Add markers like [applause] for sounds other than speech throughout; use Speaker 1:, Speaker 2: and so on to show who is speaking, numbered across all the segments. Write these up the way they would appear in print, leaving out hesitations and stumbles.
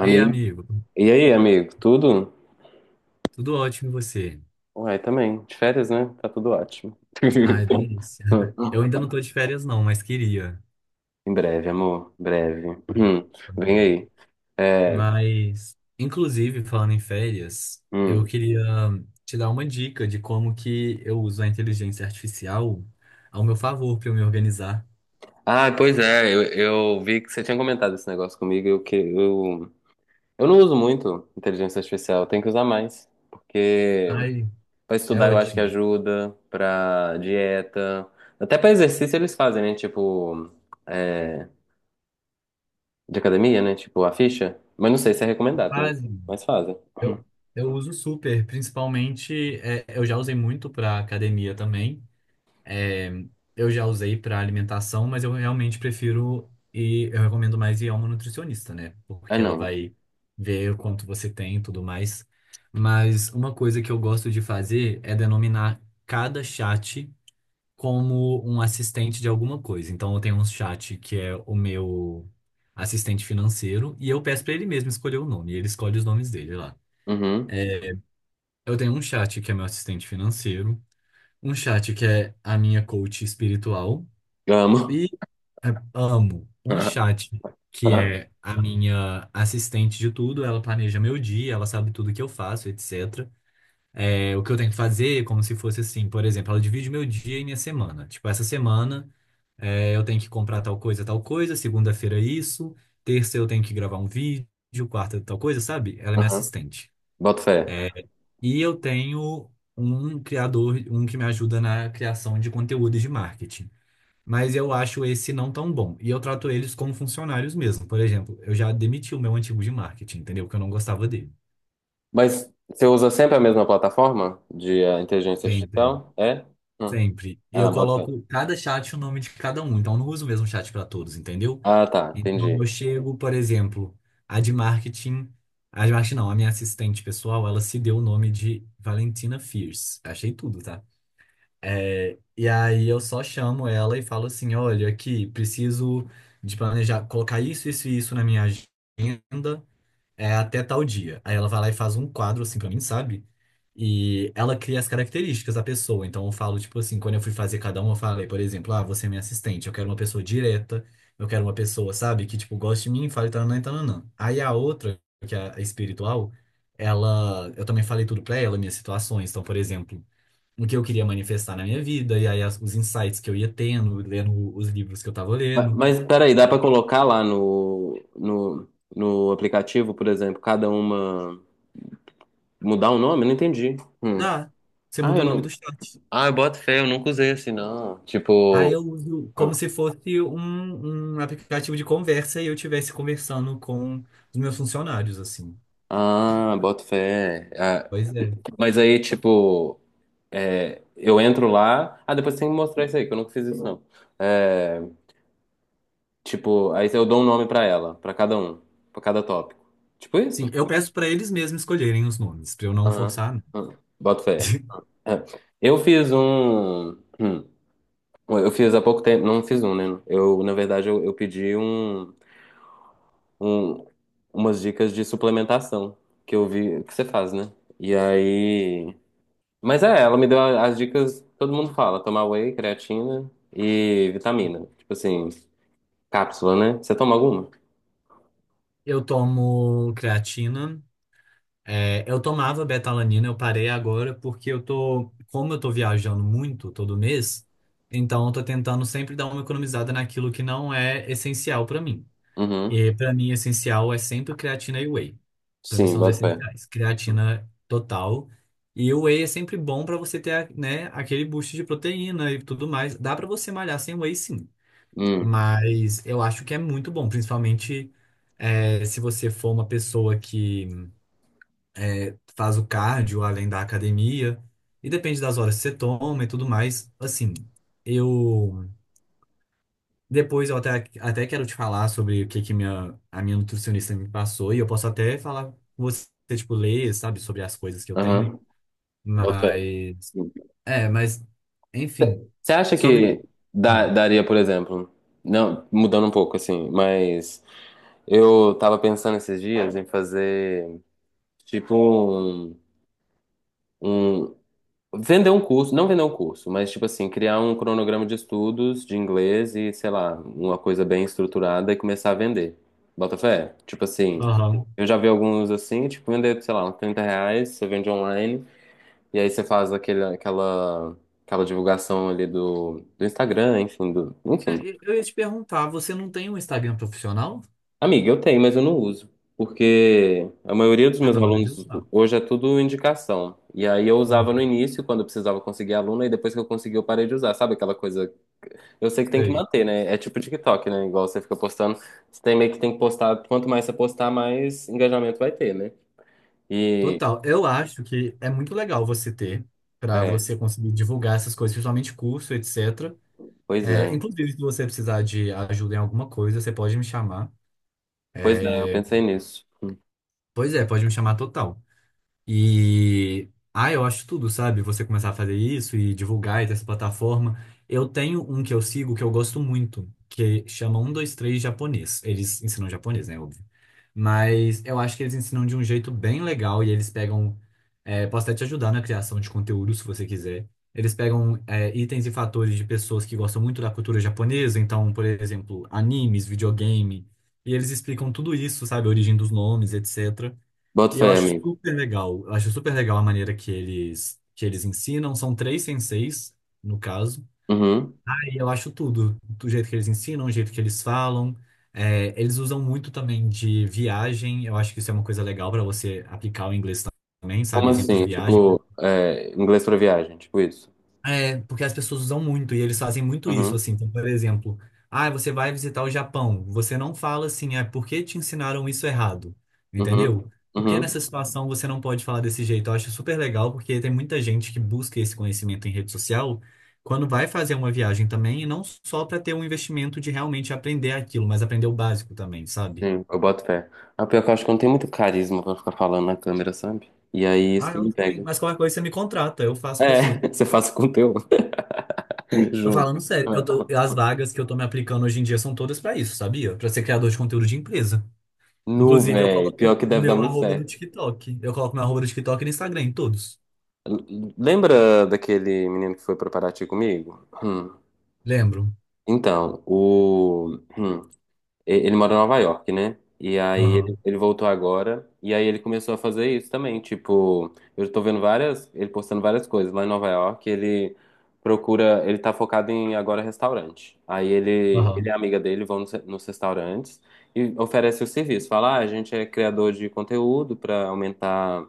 Speaker 1: Ei, amigo,
Speaker 2: E aí, amigo? Tudo?
Speaker 1: tudo ótimo e você?
Speaker 2: Uai, também. De férias, né? Tá tudo ótimo.
Speaker 1: Ai,
Speaker 2: [laughs]
Speaker 1: delícia. [laughs] Eu ainda não tô de férias, não, mas queria.
Speaker 2: Em breve, amor. Em breve.
Speaker 1: Ai,
Speaker 2: Hum,
Speaker 1: pois
Speaker 2: Vem
Speaker 1: é.
Speaker 2: aí. É,
Speaker 1: Mas, inclusive, falando em férias, eu
Speaker 2: hum.
Speaker 1: queria te dar uma dica de como que eu uso a inteligência artificial ao meu favor para eu me organizar.
Speaker 2: Ah, pois é. Eu vi que você tinha comentado esse negócio comigo. Eu não uso muito inteligência artificial. Eu tenho que usar mais. Porque
Speaker 1: Ai,
Speaker 2: pra
Speaker 1: é
Speaker 2: estudar eu acho que
Speaker 1: ótimo.
Speaker 2: ajuda. Pra dieta. Até pra exercício eles fazem, né? Tipo... é, de academia, né? Tipo, a ficha. Mas não sei se é recomendado, né?
Speaker 1: Quase.
Speaker 2: Mas fazem.
Speaker 1: Eu, eu uso super, principalmente, eu já usei muito para academia também. É, eu já usei para alimentação, mas eu realmente prefiro e eu recomendo mais ir a uma nutricionista, né?
Speaker 2: É
Speaker 1: Porque ela
Speaker 2: não.
Speaker 1: vai ver o quanto você tem e tudo mais. Mas uma coisa que eu gosto de fazer é denominar cada chat como um assistente de alguma coisa. Então eu tenho um chat que é o meu assistente financeiro e eu peço para ele mesmo escolher o nome, e ele escolhe os nomes dele lá.
Speaker 2: Uhum.
Speaker 1: Eu tenho um chat que é meu assistente financeiro, um chat que é a minha coach espiritual.
Speaker 2: Eu amo.
Speaker 1: E. É, Amo um
Speaker 2: [laughs]
Speaker 1: chat que é a minha assistente de tudo, ela planeja meu dia, ela sabe tudo que eu faço, etc. O que eu tenho que fazer, como se fosse assim, por exemplo, ela divide meu dia e minha semana. Tipo, essa semana eu tenho que comprar tal coisa, segunda-feira isso, terça eu tenho que gravar um vídeo, quarta tal coisa, sabe? Ela é minha
Speaker 2: Uhum.
Speaker 1: assistente.
Speaker 2: Boto fé.
Speaker 1: É, e eu tenho um criador, um que me ajuda na criação de conteúdo e de marketing, mas eu acho esse não tão bom. E eu trato eles como funcionários mesmo. Por exemplo, eu já demiti o meu antigo de marketing, entendeu? Porque eu não gostava dele.
Speaker 2: Mas você usa sempre a mesma plataforma de inteligência
Speaker 1: Sempre,
Speaker 2: artificial? É? Hum.
Speaker 1: sempre. Eu
Speaker 2: Ah, boto fé.
Speaker 1: coloco cada chat o nome de cada um, então eu não uso o mesmo chat para todos, entendeu?
Speaker 2: Ah, tá.
Speaker 1: Então
Speaker 2: Entendi.
Speaker 1: eu chego, por exemplo, a de marketing, a de marketing não, a minha assistente pessoal, ela se deu o nome de Valentina Fierce. Achei tudo, tá? E aí eu só chamo ela e falo assim, olha, aqui, preciso de planejar, colocar isso, isso e isso na minha agenda, é, até tal dia. Aí ela vai lá e faz um quadro assim pra mim, sabe? E ela cria as características da pessoa. Então eu falo, tipo assim, quando eu fui fazer cada um, eu falei, por exemplo, ah, você é minha assistente, eu quero uma pessoa direta, eu quero uma pessoa, sabe, que, tipo, goste de mim, e fale tananã e tananã. Aí a outra, que é a espiritual, ela, eu também falei tudo pra ela, minhas situações. Então, por exemplo, o que eu queria manifestar na minha vida, e aí os insights que eu ia tendo, lendo os livros que eu tava lendo.
Speaker 2: Mas peraí, dá pra colocar lá no aplicativo, por exemplo, cada uma. Mudar o nome? Eu não entendi. Hum.
Speaker 1: Ah, você
Speaker 2: Ah,
Speaker 1: muda
Speaker 2: eu
Speaker 1: o nome
Speaker 2: não.
Speaker 1: do chat.
Speaker 2: Ah, eu boto fé, eu nunca usei assim, não.
Speaker 1: Aí
Speaker 2: Tipo.
Speaker 1: eu uso
Speaker 2: Hum.
Speaker 1: como se fosse um aplicativo de conversa e eu estivesse conversando com os meus funcionários, assim.
Speaker 2: Ah, boto fé. Ah,
Speaker 1: Pois é.
Speaker 2: mas aí, tipo, é, eu entro lá. Ah, depois tem que mostrar isso aí, que eu nunca fiz isso, não. É, tipo, aí eu dou um nome pra ela, pra cada um, pra cada tópico. Tipo
Speaker 1: Sim,
Speaker 2: isso?
Speaker 1: eu peço para eles mesmos escolherem os nomes, para eu não
Speaker 2: Aham.
Speaker 1: forçar.
Speaker 2: Aham. Boto fé.
Speaker 1: [laughs]
Speaker 2: É. Eu fiz um. hum, eu fiz há pouco tempo. Não fiz um, né? Eu, na verdade, eu pedi um, umas dicas de suplementação que eu vi que você faz, né? E aí. Mas é, ela me deu as dicas, todo mundo fala, tomar whey, creatina e vitamina. Né? Tipo assim, cápsula, né? Você toma alguma?
Speaker 1: Eu tomo creatina. Eu tomava betalanina, eu parei agora porque eu tô, como eu tô viajando muito todo mês, então eu tô tentando sempre dar uma economizada naquilo que não é essencial pra mim.
Speaker 2: Uhum.
Speaker 1: E pra mim essencial é sempre creatina e whey. Pra mim
Speaker 2: Sim,
Speaker 1: são os
Speaker 2: boto fé.
Speaker 1: essenciais. Creatina total, e o whey é sempre bom pra você ter, né, aquele boost de proteína e tudo mais. Dá pra você malhar sem whey, sim.
Speaker 2: Hum,
Speaker 1: Mas eu acho que é muito bom, principalmente, é, se você for uma pessoa que faz o cardio além da academia, e depende das horas que você toma e tudo mais. Assim, eu. Depois eu até, até quero te falar sobre o que, que minha, a minha nutricionista me passou, e eu posso até falar com você, tipo, ler, sabe, sobre as coisas que eu tenho.
Speaker 2: aham, boto fé.
Speaker 1: Mas.
Speaker 2: Hum.
Speaker 1: É, mas. Enfim.
Speaker 2: Você acha
Speaker 1: Sobre.
Speaker 2: que
Speaker 1: Ah,
Speaker 2: daria, por exemplo, não, mudando um pouco assim, mas eu tava pensando esses dias em fazer tipo um, vender um curso, não vender um curso, mas tipo assim, criar um cronograma de estudos de inglês e, sei lá, uma coisa bem estruturada e começar a vender. Bota fé? Tipo assim,
Speaker 1: aham.
Speaker 2: eu já vi alguns assim, tipo, vender, sei lá, uns R$ 30, você vende online, e aí você faz aquela divulgação ali do Instagram, enfim, do, enfim.
Speaker 1: Eu ia te perguntar, você não tem um Instagram profissional?
Speaker 2: Amiga, eu tenho, mas eu não uso. Porque a maioria dos
Speaker 1: Tá
Speaker 2: meus
Speaker 1: na hora
Speaker 2: alunos
Speaker 1: de usar.
Speaker 2: hoje é tudo indicação. E aí eu
Speaker 1: Hum.
Speaker 2: usava no início, quando eu precisava conseguir aluno, e depois que eu consegui, eu parei de usar. Sabe aquela coisa. Eu sei que tem que
Speaker 1: Sei.
Speaker 2: manter, né? É tipo TikTok, né? Igual você fica postando, você tem meio que tem que postar, quanto mais você postar, mais engajamento vai ter, né? E
Speaker 1: Total. Eu acho que é muito legal você ter, para
Speaker 2: é,
Speaker 1: você conseguir divulgar essas coisas, principalmente curso, etc.
Speaker 2: pois é.
Speaker 1: Inclusive, se você precisar de ajuda em alguma coisa, você pode me chamar.
Speaker 2: Pois é, eu
Speaker 1: É,
Speaker 2: pensei nisso.
Speaker 1: Pois é, pode me chamar total. E ah, eu acho tudo, sabe? Você começar a fazer isso e divulgar e ter essa plataforma. Eu tenho um que eu sigo que eu gosto muito, que chama 123 japonês. Eles ensinam japonês, né? Óbvio. Mas eu acho que eles ensinam de um jeito bem legal e eles pegam. Posso até te ajudar na criação de conteúdo, se você quiser. Eles pegam, itens e fatores de pessoas que gostam muito da cultura japonesa, então, por exemplo, animes, videogame, e eles explicam tudo isso, sabe? A origem dos nomes, etc.
Speaker 2: Bota
Speaker 1: E eu
Speaker 2: fé,
Speaker 1: acho
Speaker 2: amigo.
Speaker 1: super legal. Eu acho super legal a maneira que eles ensinam. São três senseis, no caso.
Speaker 2: Uhum.
Speaker 1: E eu acho tudo. Do jeito que eles ensinam, do jeito que eles falam. Eles usam muito também de viagem. Eu acho que isso é uma coisa legal para você aplicar o inglês também,
Speaker 2: Como
Speaker 1: sabe? Exemplo de
Speaker 2: assim?
Speaker 1: viagem.
Speaker 2: Tipo, é, inglês pra viagem, tipo isso.
Speaker 1: Porque as pessoas usam muito e eles fazem muito isso,
Speaker 2: Uhum.
Speaker 1: assim. Então, por exemplo, ah, você vai visitar o Japão. Você não fala assim, ah, por que te ensinaram isso errado? Entendeu?
Speaker 2: Uhum.
Speaker 1: Por que nessa
Speaker 2: Uhum.
Speaker 1: situação você não pode falar desse jeito? Eu acho super legal, porque tem muita gente que busca esse conhecimento em rede social quando vai fazer uma viagem também, e não só para ter um investimento de realmente aprender aquilo, mas aprender o básico também, sabe?
Speaker 2: Sim, eu boto fé. A pior que eu acho que eu não tem muito carisma pra ficar falando na câmera, sabe? E aí isso
Speaker 1: Ah,
Speaker 2: que
Speaker 1: eu não
Speaker 2: me
Speaker 1: tenho.
Speaker 2: pega.
Speaker 1: Mas qualquer coisa você me contrata, eu faço para você.
Speaker 2: É, [laughs] você faz o conteúdo. [laughs]
Speaker 1: Tô
Speaker 2: Juro.
Speaker 1: falando sério, eu tô, as vagas que eu tô me aplicando hoje em dia são todas pra isso, sabia? Pra ser criador de conteúdo de empresa.
Speaker 2: Nu,
Speaker 1: Inclusive, eu
Speaker 2: velho.
Speaker 1: coloco
Speaker 2: Pior
Speaker 1: o
Speaker 2: que deve dar
Speaker 1: meu
Speaker 2: muito
Speaker 1: arroba do
Speaker 2: certo.
Speaker 1: TikTok. Eu coloco meu arroba do TikTok e no Instagram, em todos.
Speaker 2: Lembra daquele menino que foi pra Paraty comigo? Hum.
Speaker 1: Lembro.
Speaker 2: Então, o. Ele mora em Nova York, né? E aí
Speaker 1: Aham,
Speaker 2: ele voltou agora. E aí ele começou a fazer isso também. Tipo, eu tô vendo várias. Ele postando várias coisas lá em Nova York. Ele procura. Ele tá focado em agora restaurante. Aí ele e
Speaker 1: aham.
Speaker 2: a amiga dele vão nos restaurantes e oferece o serviço. Fala, ah, a gente é criador de conteúdo pra aumentar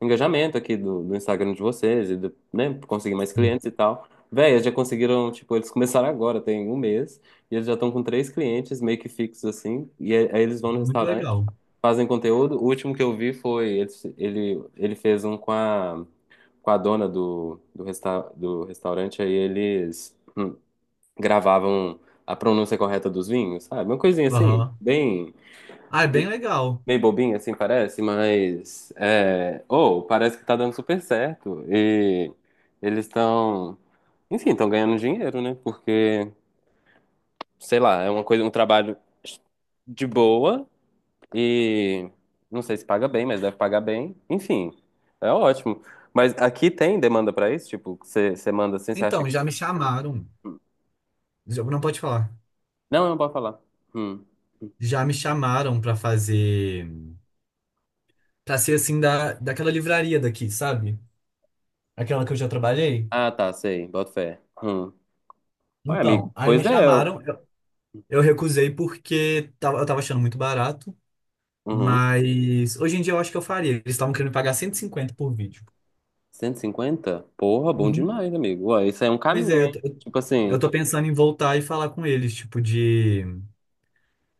Speaker 2: engajamento aqui do Instagram de vocês e do, né, conseguir mais
Speaker 1: Sim.
Speaker 2: clientes e tal. Véi, eles já conseguiram, tipo, eles começaram agora, tem um mês, e eles já estão com três clientes meio que fixos assim, e aí eles vão no
Speaker 1: Muito
Speaker 2: restaurante,
Speaker 1: legal.
Speaker 2: fazem conteúdo. O último que eu vi foi, ele fez um com com a dona do restaurante, aí eles gravavam a pronúncia correta dos vinhos, sabe? Uma coisinha assim,
Speaker 1: Aham.
Speaker 2: bem
Speaker 1: Ah, é bem legal.
Speaker 2: meio bobinha, assim parece, mas é, oh, parece que tá dando super certo. E eles estão, enfim, estão ganhando dinheiro, né? Porque, sei lá, é uma coisa, um trabalho de boa e não sei se paga bem, mas deve pagar bem. Enfim, é ótimo. Mas aqui tem demanda pra isso? Tipo, você manda assim, você acha
Speaker 1: Então,
Speaker 2: que.
Speaker 1: já me chamaram. Não pode falar.
Speaker 2: Não, não pode falar. Hum.
Speaker 1: Já me chamaram pra fazer. Pra ser assim, da, daquela livraria daqui, sabe? Aquela que eu já trabalhei.
Speaker 2: Ah, tá, sei, boto fé. Hum. Ué, amigo,
Speaker 1: Então, aí me
Speaker 2: pois é.
Speaker 1: chamaram.
Speaker 2: Eu-
Speaker 1: Eu recusei porque eu tava achando muito barato.
Speaker 2: Uhum.
Speaker 1: Mas hoje em dia eu acho que eu faria. Eles estavam querendo pagar 150 por vídeo.
Speaker 2: Cento e cinquenta, porra, bom
Speaker 1: Uhum.
Speaker 2: demais, amigo. Ué, isso aí é um
Speaker 1: Pois
Speaker 2: caminho,
Speaker 1: é, eu
Speaker 2: hein?
Speaker 1: tô,
Speaker 2: Tipo assim,
Speaker 1: eu tô pensando em voltar e falar com eles, tipo, de,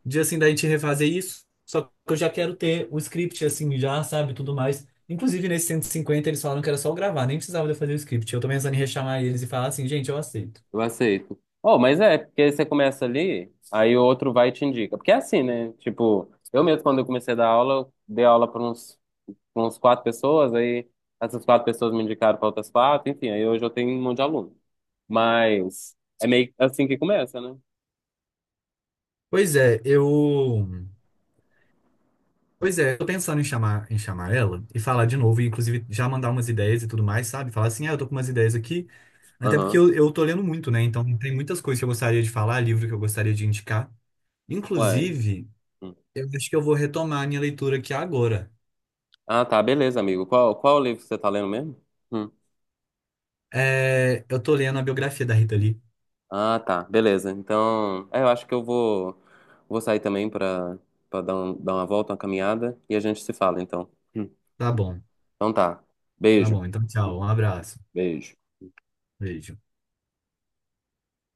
Speaker 1: de assim, da gente refazer isso. Só que eu já quero ter o script, assim, já, sabe, tudo mais. Inclusive, nesse 150 eles falaram que era só eu gravar, nem precisava de eu fazer o script. Eu tô pensando em rechamar eles e falar assim, gente, eu aceito.
Speaker 2: eu aceito. Oh, mas é, porque aí você começa ali, aí o outro vai e te indica. Porque é assim, né? Tipo, eu mesmo, quando eu comecei a dar aula, eu dei aula pra uns quatro pessoas, aí essas quatro pessoas me indicaram para outras quatro, enfim, aí hoje eu tenho um monte de aluno. Mas é meio assim que começa, né?
Speaker 1: Pois é, eu. Pois é, eu tô pensando em chamar, ela e falar de novo, e inclusive já mandar umas ideias e tudo mais, sabe? Falar assim, ah, eu tô com umas ideias aqui. Até porque
Speaker 2: Aham.
Speaker 1: eu tô lendo muito, né? Então tem muitas coisas que eu gostaria de falar, livro que eu gostaria de indicar.
Speaker 2: Uai.
Speaker 1: Inclusive,
Speaker 2: Hum.
Speaker 1: eu acho que eu vou retomar a minha leitura aqui agora.
Speaker 2: Ah, tá, beleza, amigo. Qual o livro que você tá lendo mesmo? Hum.
Speaker 1: Eu tô lendo a biografia da Rita Lee.
Speaker 2: Ah, tá, beleza. Então, é, eu acho que vou sair também pra para dar, um, dar uma volta, uma caminhada e a gente se fala, então. Hum.
Speaker 1: Tá bom,
Speaker 2: Então tá.
Speaker 1: tá
Speaker 2: Beijo,
Speaker 1: bom. Então, tchau. Um abraço.
Speaker 2: beijo.
Speaker 1: Beijo.